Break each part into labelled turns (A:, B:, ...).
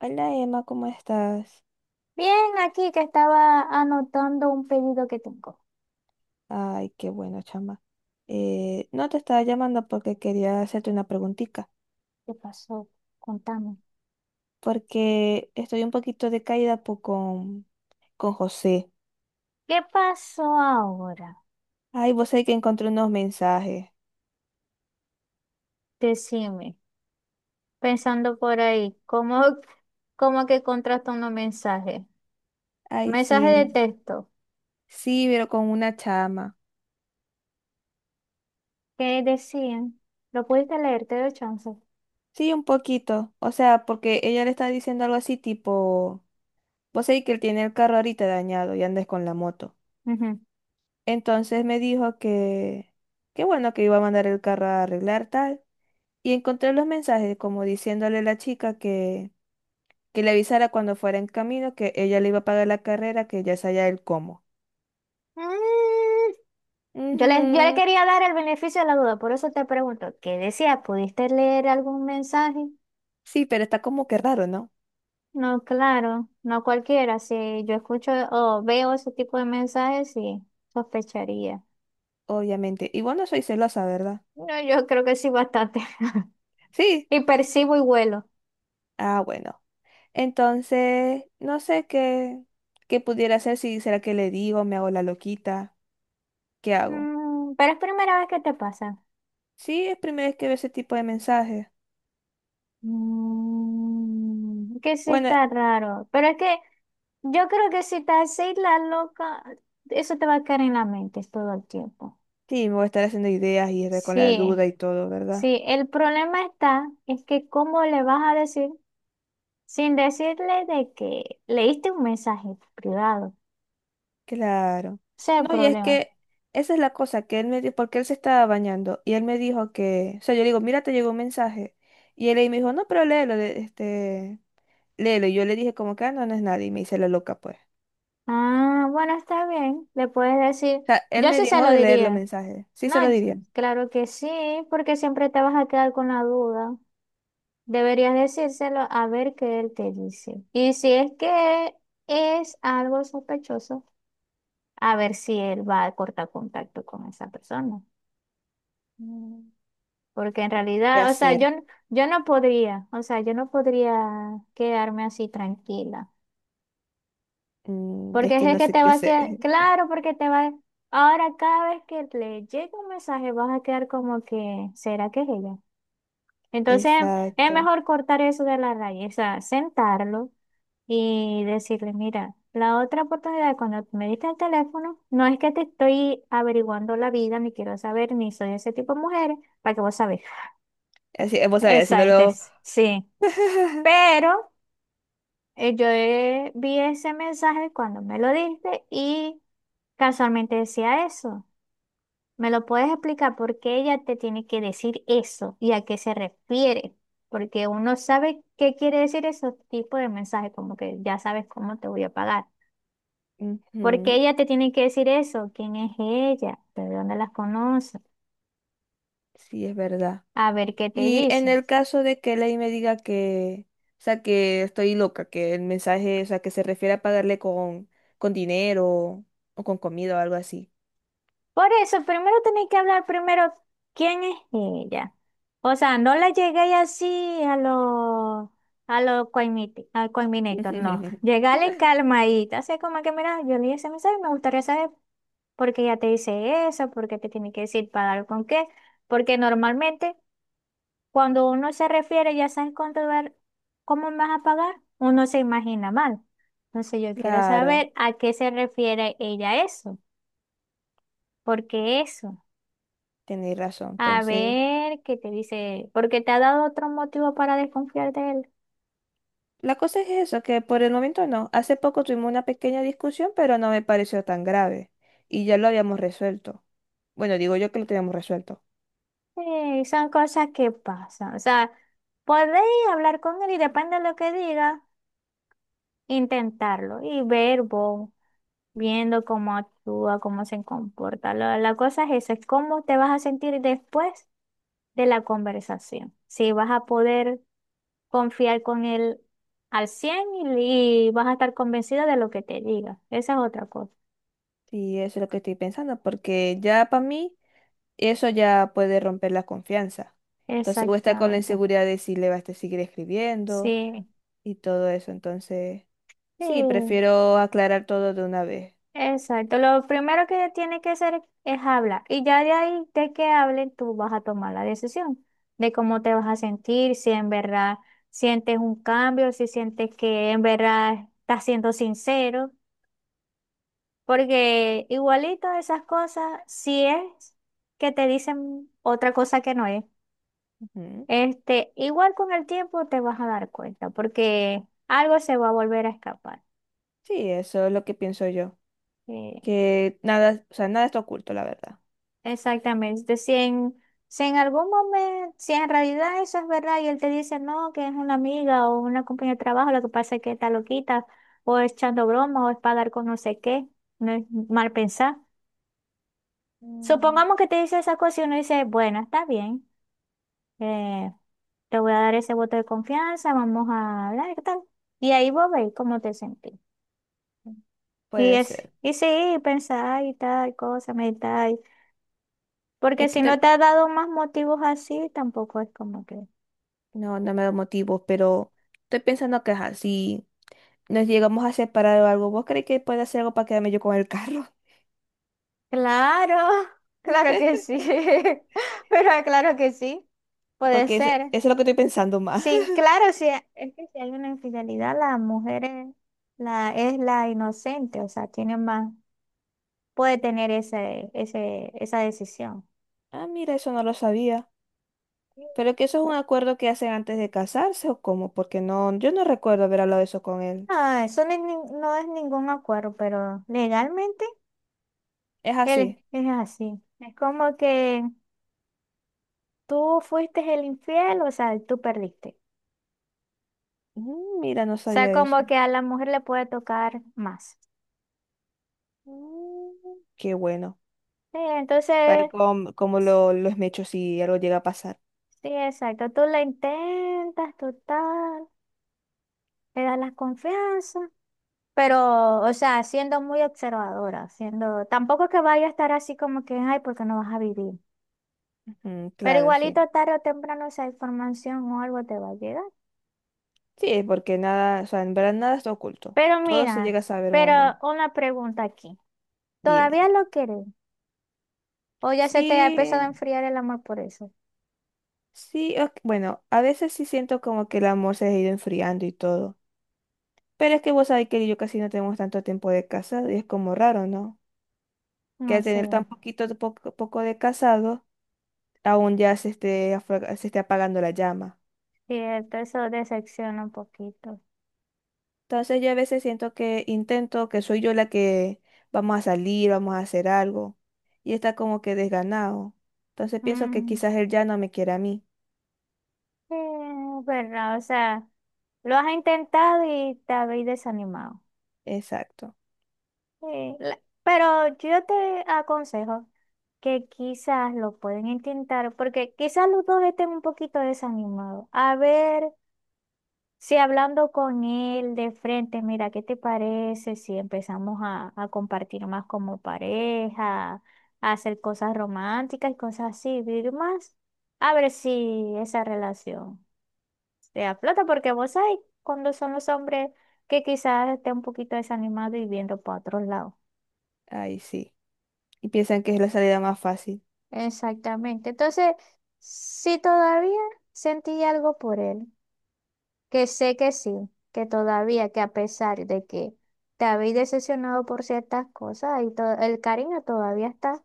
A: Hola Emma, ¿cómo estás?
B: Bien, aquí que estaba anotando un pedido que tengo.
A: Ay, qué bueno, chama. No te estaba llamando porque quería hacerte una preguntita,
B: ¿Qué pasó? Contame.
A: porque estoy un poquito decaída con José.
B: ¿Qué pasó ahora?
A: Ay, vos sabés que encontré unos mensajes.
B: Decime, pensando por ahí, ¿cómo, cómo que contrasta unos mensajes?
A: Ay, sí,
B: Mensaje de texto.
A: sí, pero con una chama.
B: ¿Qué decían? ¿Lo pudiste leer? Te doy chance.
A: Sí, un poquito. O sea, porque ella le está diciendo algo así tipo, vos sabés que él tiene el carro ahorita dañado y andes con la moto.
B: Ujú.
A: Entonces me dijo que, qué bueno que iba a mandar el carro a arreglar tal. Y encontré los mensajes como diciéndole a la chica que le avisara cuando fuera en camino que ella le iba a pagar la carrera, que ya sabía el cómo.
B: Mm, yo le
A: Ujú.
B: quería dar el beneficio de la duda, por eso te pregunto, ¿qué decía? ¿Pudiste leer algún mensaje?
A: Sí, pero está como que raro, ¿no?
B: No, claro, no cualquiera. Si yo escucho o veo ese tipo de mensajes, sí, sospecharía.
A: Obviamente. Y bueno, soy celosa, ¿verdad?
B: No, yo creo que sí, bastante.
A: Sí.
B: Y percibo y vuelo.
A: Ah, bueno. Entonces, no sé qué, qué pudiera hacer, si será que le digo, me hago la loquita, ¿qué hago?
B: Mm, pero es primera vez que te pasa.
A: Sí, es primera vez que veo ese tipo de mensajes.
B: Mm, que sí
A: Bueno,
B: está raro. Pero es que yo creo que si estás así, la loca, eso te va a quedar en la mente todo el tiempo.
A: sí, me voy a estar haciendo ideas y estar con la
B: Sí,
A: duda y todo, ¿verdad?
B: sí. El problema está, es que cómo le vas a decir. Sin decirle de que leíste un mensaje privado.
A: Claro.
B: Ese es el
A: No, y es
B: problema.
A: que esa es la cosa que él me dijo, porque él se estaba bañando y él me dijo que, o sea, yo le digo, mira, te llegó un mensaje. Y él ahí me dijo, no, pero léelo, léelo. Y yo le dije, como que, "Ah, no, no es nadie. Y me hice la loca, pues. O
B: Ah, bueno, está bien. Le puedes decir,
A: sea, él
B: yo
A: me
B: sí se
A: dijo
B: lo
A: de leer los
B: diría.
A: mensajes. Sí, se
B: No,
A: lo diría.
B: claro que sí, porque siempre te vas a quedar con la duda. Deberías decírselo a ver qué él te dice. Y si es que es algo sospechoso, a ver si él va a cortar contacto con esa persona.
A: Mm.
B: Porque en
A: ¿Qué
B: realidad, o sea, yo,
A: hacer?
B: yo no podría, o sea, yo no podría quedarme así tranquila.
A: Mm, es
B: Porque
A: que
B: es
A: no
B: que
A: sé
B: te
A: qué
B: va a
A: hacer.
B: quedar, claro, porque te va, ahora cada vez que le llegue un mensaje vas a quedar como que, ¿será que es ella? Entonces es
A: Exacto.
B: mejor cortar eso de la raíz, o sea, sentarlo y decirle, mira, la otra oportunidad cuando me diste el teléfono, no es que te estoy averiguando la vida, ni quiero saber, ni soy ese tipo de mujeres para que vos sabés.
A: Así, vos sabés,
B: Exacto,
A: haciéndolo.
B: sí. Pero yo vi ese mensaje cuando me lo diste y casualmente decía eso. ¿Me lo puedes explicar por qué ella te tiene que decir eso y a qué se refiere? Porque uno sabe qué quiere decir esos tipos de mensajes, como que ya sabes cómo te voy a pagar. ¿Por qué
A: Ujú,
B: ella te tiene que decir eso? ¿Quién es ella? ¿De dónde las conoces?
A: sí, es verdad.
B: A ver qué te
A: Y en
B: dice.
A: el caso de que Ley me diga que, o sea, que estoy loca, que el mensaje, o sea, que se refiere a pagarle con dinero o con comida o algo así.
B: Por eso, primero tenéis que hablar primero quién es ella. O sea, no la llegué así a lo al Coiminator, no. Llegale calmadita, así como que, mira, yo leí ese mensaje y me gustaría saber por qué ella te dice eso, por qué te tiene que decir para dar con qué. Porque normalmente cuando uno se refiere, ya sabes cuánto ver, cómo me vas a pagar, uno se imagina mal. Entonces yo quiero
A: Claro,
B: saber a qué se refiere ella eso, por qué eso.
A: tenéis razón.
B: A
A: Entonces,
B: ver qué te dice, porque te ha dado otro motivo para desconfiar de él.
A: la cosa es eso, que por el momento no. Hace poco tuvimos una pequeña discusión, pero no me pareció tan grave. Y ya lo habíamos resuelto. Bueno, digo yo que lo teníamos resuelto.
B: Sí, son cosas que pasan. O sea, podéis hablar con él y depende de lo que diga, intentarlo y ver vos, viendo cómo actúa, cómo se comporta. La cosa es eso, es cómo te vas a sentir después de la conversación. Si vas a poder confiar con él al 100 y vas a estar convencido de lo que te diga. Esa es otra cosa.
A: Y eso es lo que estoy pensando, porque ya para mí. Eso ya puede romper la confianza. Entonces voy a estar con la
B: Exactamente.
A: inseguridad de si le va a seguir escribiendo
B: Sí.
A: y todo eso. Entonces,
B: Sí,
A: sí, prefiero aclarar todo de una vez.
B: exacto. Lo primero que tiene que hacer es hablar. Y ya de ahí, de que hablen, tú vas a tomar la decisión de cómo te vas a sentir, si en verdad sientes un cambio, si sientes que en verdad estás siendo sincero. Porque igualito esas cosas, si es que te dicen otra cosa que no es,
A: Ujú.
B: este, igual con el tiempo te vas a dar cuenta, porque algo se va a volver a escapar.
A: Sí, eso es lo que pienso yo.
B: Eh,
A: Que nada, o sea, nada está oculto, la verdad.
B: Exactamente. Si en, si en algún momento, si en realidad eso es verdad y él te dice no, que es una amiga o una compañera de trabajo, lo que pasa es que está loquita o es echando broma o es para dar con no sé qué, no es mal pensar.
A: Mm,
B: Supongamos que te dice esa cosa y uno dice, bueno, está bien, eh, te voy a dar ese voto de confianza, vamos a hablar qué tal. Y ahí vos veis cómo te sentís. Y
A: puede
B: es,
A: ser.
B: y sí, pensar y tal cosa, meditar. Porque
A: Es que
B: si no
A: te-
B: te ha dado más motivos así, tampoco es como que.
A: no, no me da motivos, pero estoy pensando que ajá, si nos llegamos a separar o algo, ¿vos crees que puede hacer algo para quedarme yo con el carro?
B: Claro, claro que sí, pero claro que sí, puede
A: Porque eso
B: ser.
A: es lo que estoy pensando más.
B: Sí, claro, sí, es que si hay una infidelidad, la mujer es la inocente, o sea, tiene más, puede tener ese, ese, esa decisión.
A: Ah, mira, eso no lo sabía. Pero que eso es un acuerdo que hacen antes de casarse o cómo, porque no, yo no recuerdo haber hablado de eso con él.
B: Ah, eso no es, no es ningún acuerdo, pero legalmente
A: Es así.
B: él es así. Es como que tú fuiste el infiel, o sea, tú perdiste.
A: Mm, mira, no
B: O sea,
A: sabía eso.
B: como que a la mujer le puede tocar más.
A: Mm, qué bueno.
B: Sí,
A: Para
B: entonces
A: como, como lo esmecho si algo llega a pasar.
B: sí, exacto. Tú la intentas, total, le das la confianza, pero, o sea, siendo muy observadora, siendo, tampoco que vaya a estar así como que, ay, porque no vas a vivir.
A: Ujú,
B: Pero
A: claro, sí.
B: igualito tarde o temprano esa información o algo te va a llegar.
A: Sí, porque nada, o sea, en verdad nada está oculto.
B: Pero
A: Todo se
B: mira,
A: llega a saber, un
B: pero
A: hombre.
B: una pregunta aquí. ¿Todavía
A: Dime.
B: lo quieres? ¿O ya se te ha
A: Sí,
B: empezado a enfriar el amor por eso?
A: sí, ok, bueno, a veces sí siento como que el amor se ha ido enfriando y todo. Pero es que vos sabés que yo casi no tenemos tanto tiempo de casado y es como raro, ¿no? Que
B: No
A: al
B: sé,
A: tener tan poquito, poco, poco de casado, aún ya se esté, se esté apagando la llama.
B: cierto, eso decepciona un poquito.
A: Entonces yo a veces siento que intento que soy yo la que vamos a salir, vamos a hacer algo y está como que desganado. Entonces pienso que
B: Mm.
A: quizás él ya no me quiere a mí.
B: Verdad o sea, lo has intentado y te habéis desanimado.
A: Exacto.
B: Sí, pero yo te aconsejo que quizás lo pueden intentar, porque quizás los dos estén un poquito desanimados. A ver si hablando con él de frente, mira, ¿qué te parece si empezamos a compartir más como pareja, a hacer cosas románticas y cosas así, vivir más? A ver si esa relación. Te da plata porque vos sabés cuando son los hombres que quizás estén un poquito desanimados y viendo para otros lados.
A: Ahí sí. Y piensan que es la salida más fácil.
B: Exactamente. Entonces, si todavía sentí algo por él, que sé que sí, que todavía, que a pesar de que te habéis decepcionado por ciertas cosas, y el cariño todavía está.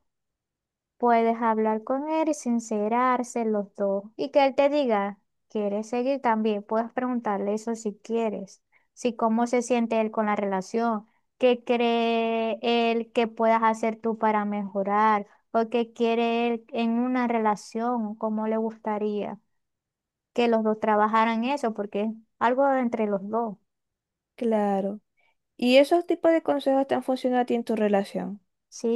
B: Puedes hablar con él y sincerarse los dos. Y que él te diga, ¿quieres seguir también? Puedes preguntarle eso si quieres. Si cómo se siente él con la relación, qué cree él que puedas hacer tú para mejorar, o qué quiere él en una relación, cómo le gustaría que los dos trabajaran eso, porque es algo entre los dos.
A: Claro. ¿Y esos tipos de consejos te han funcionado a ti en tu relación?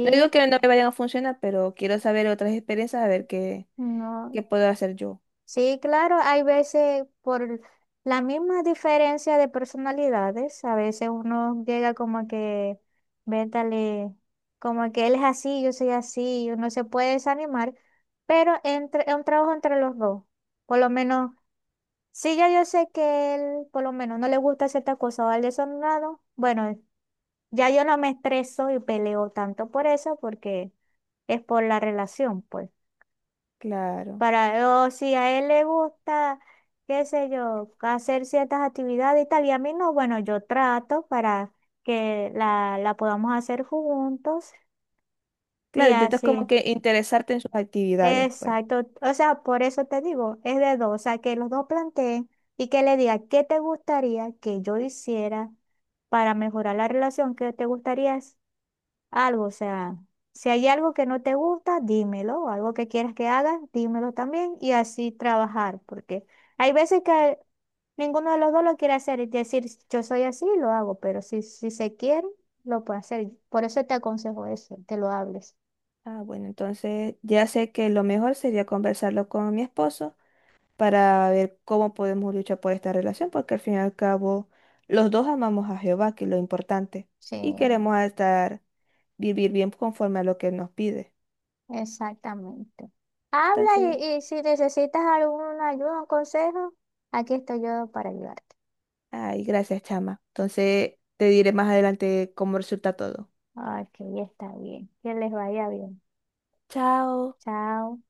A: No digo que no me vayan a funcionar, pero quiero saber otras experiencias, a ver qué,
B: no.
A: qué puedo hacer yo.
B: Sí, claro, hay veces por la misma diferencia de personalidades, a veces uno llega como que, véntale, como que él es así, yo soy así, y uno se puede desanimar, pero entre, es un trabajo entre los dos. Por lo menos, si ya yo sé que él, por lo menos, no le gusta cierta cosa o al desordenado, bueno, ya yo no me estreso y peleo tanto por eso, porque es por la relación, pues.
A: Claro.
B: Para, o si a él le gusta, qué sé yo, hacer ciertas actividades y tal, y a mí no, bueno, yo trato para que la podamos hacer juntos y
A: Claro, intentas como
B: así.
A: que interesarte en sus actividades, pues.
B: Exacto. O sea, por eso te digo, es de dos, o sea, que los dos planteen y que le diga qué te gustaría que yo hiciera para mejorar la relación, qué te gustaría algo, o sea, si hay algo que no te gusta, dímelo, o algo que quieras que hagas, dímelo también y así trabajar, porque hay veces que ninguno de los dos lo quiere hacer y decir, yo soy así, lo hago, pero si, si se quiere, lo puede hacer. Por eso te aconsejo eso, que lo hables.
A: Ah, bueno, entonces ya sé que lo mejor sería conversarlo con mi esposo para ver cómo podemos luchar por esta relación, porque al fin y al cabo los dos amamos a Jehová, que es lo importante,
B: Sí,
A: y queremos estar, vivir bien conforme a lo que nos pide.
B: exactamente. Habla
A: Entonces,
B: y si necesitas alguna ayuda, un consejo, aquí estoy yo para ayudarte.
A: ay, gracias, chama. Entonces te diré más adelante cómo resulta todo.
B: Ok, está bien. Que les vaya bien.
A: Chao.
B: Chao.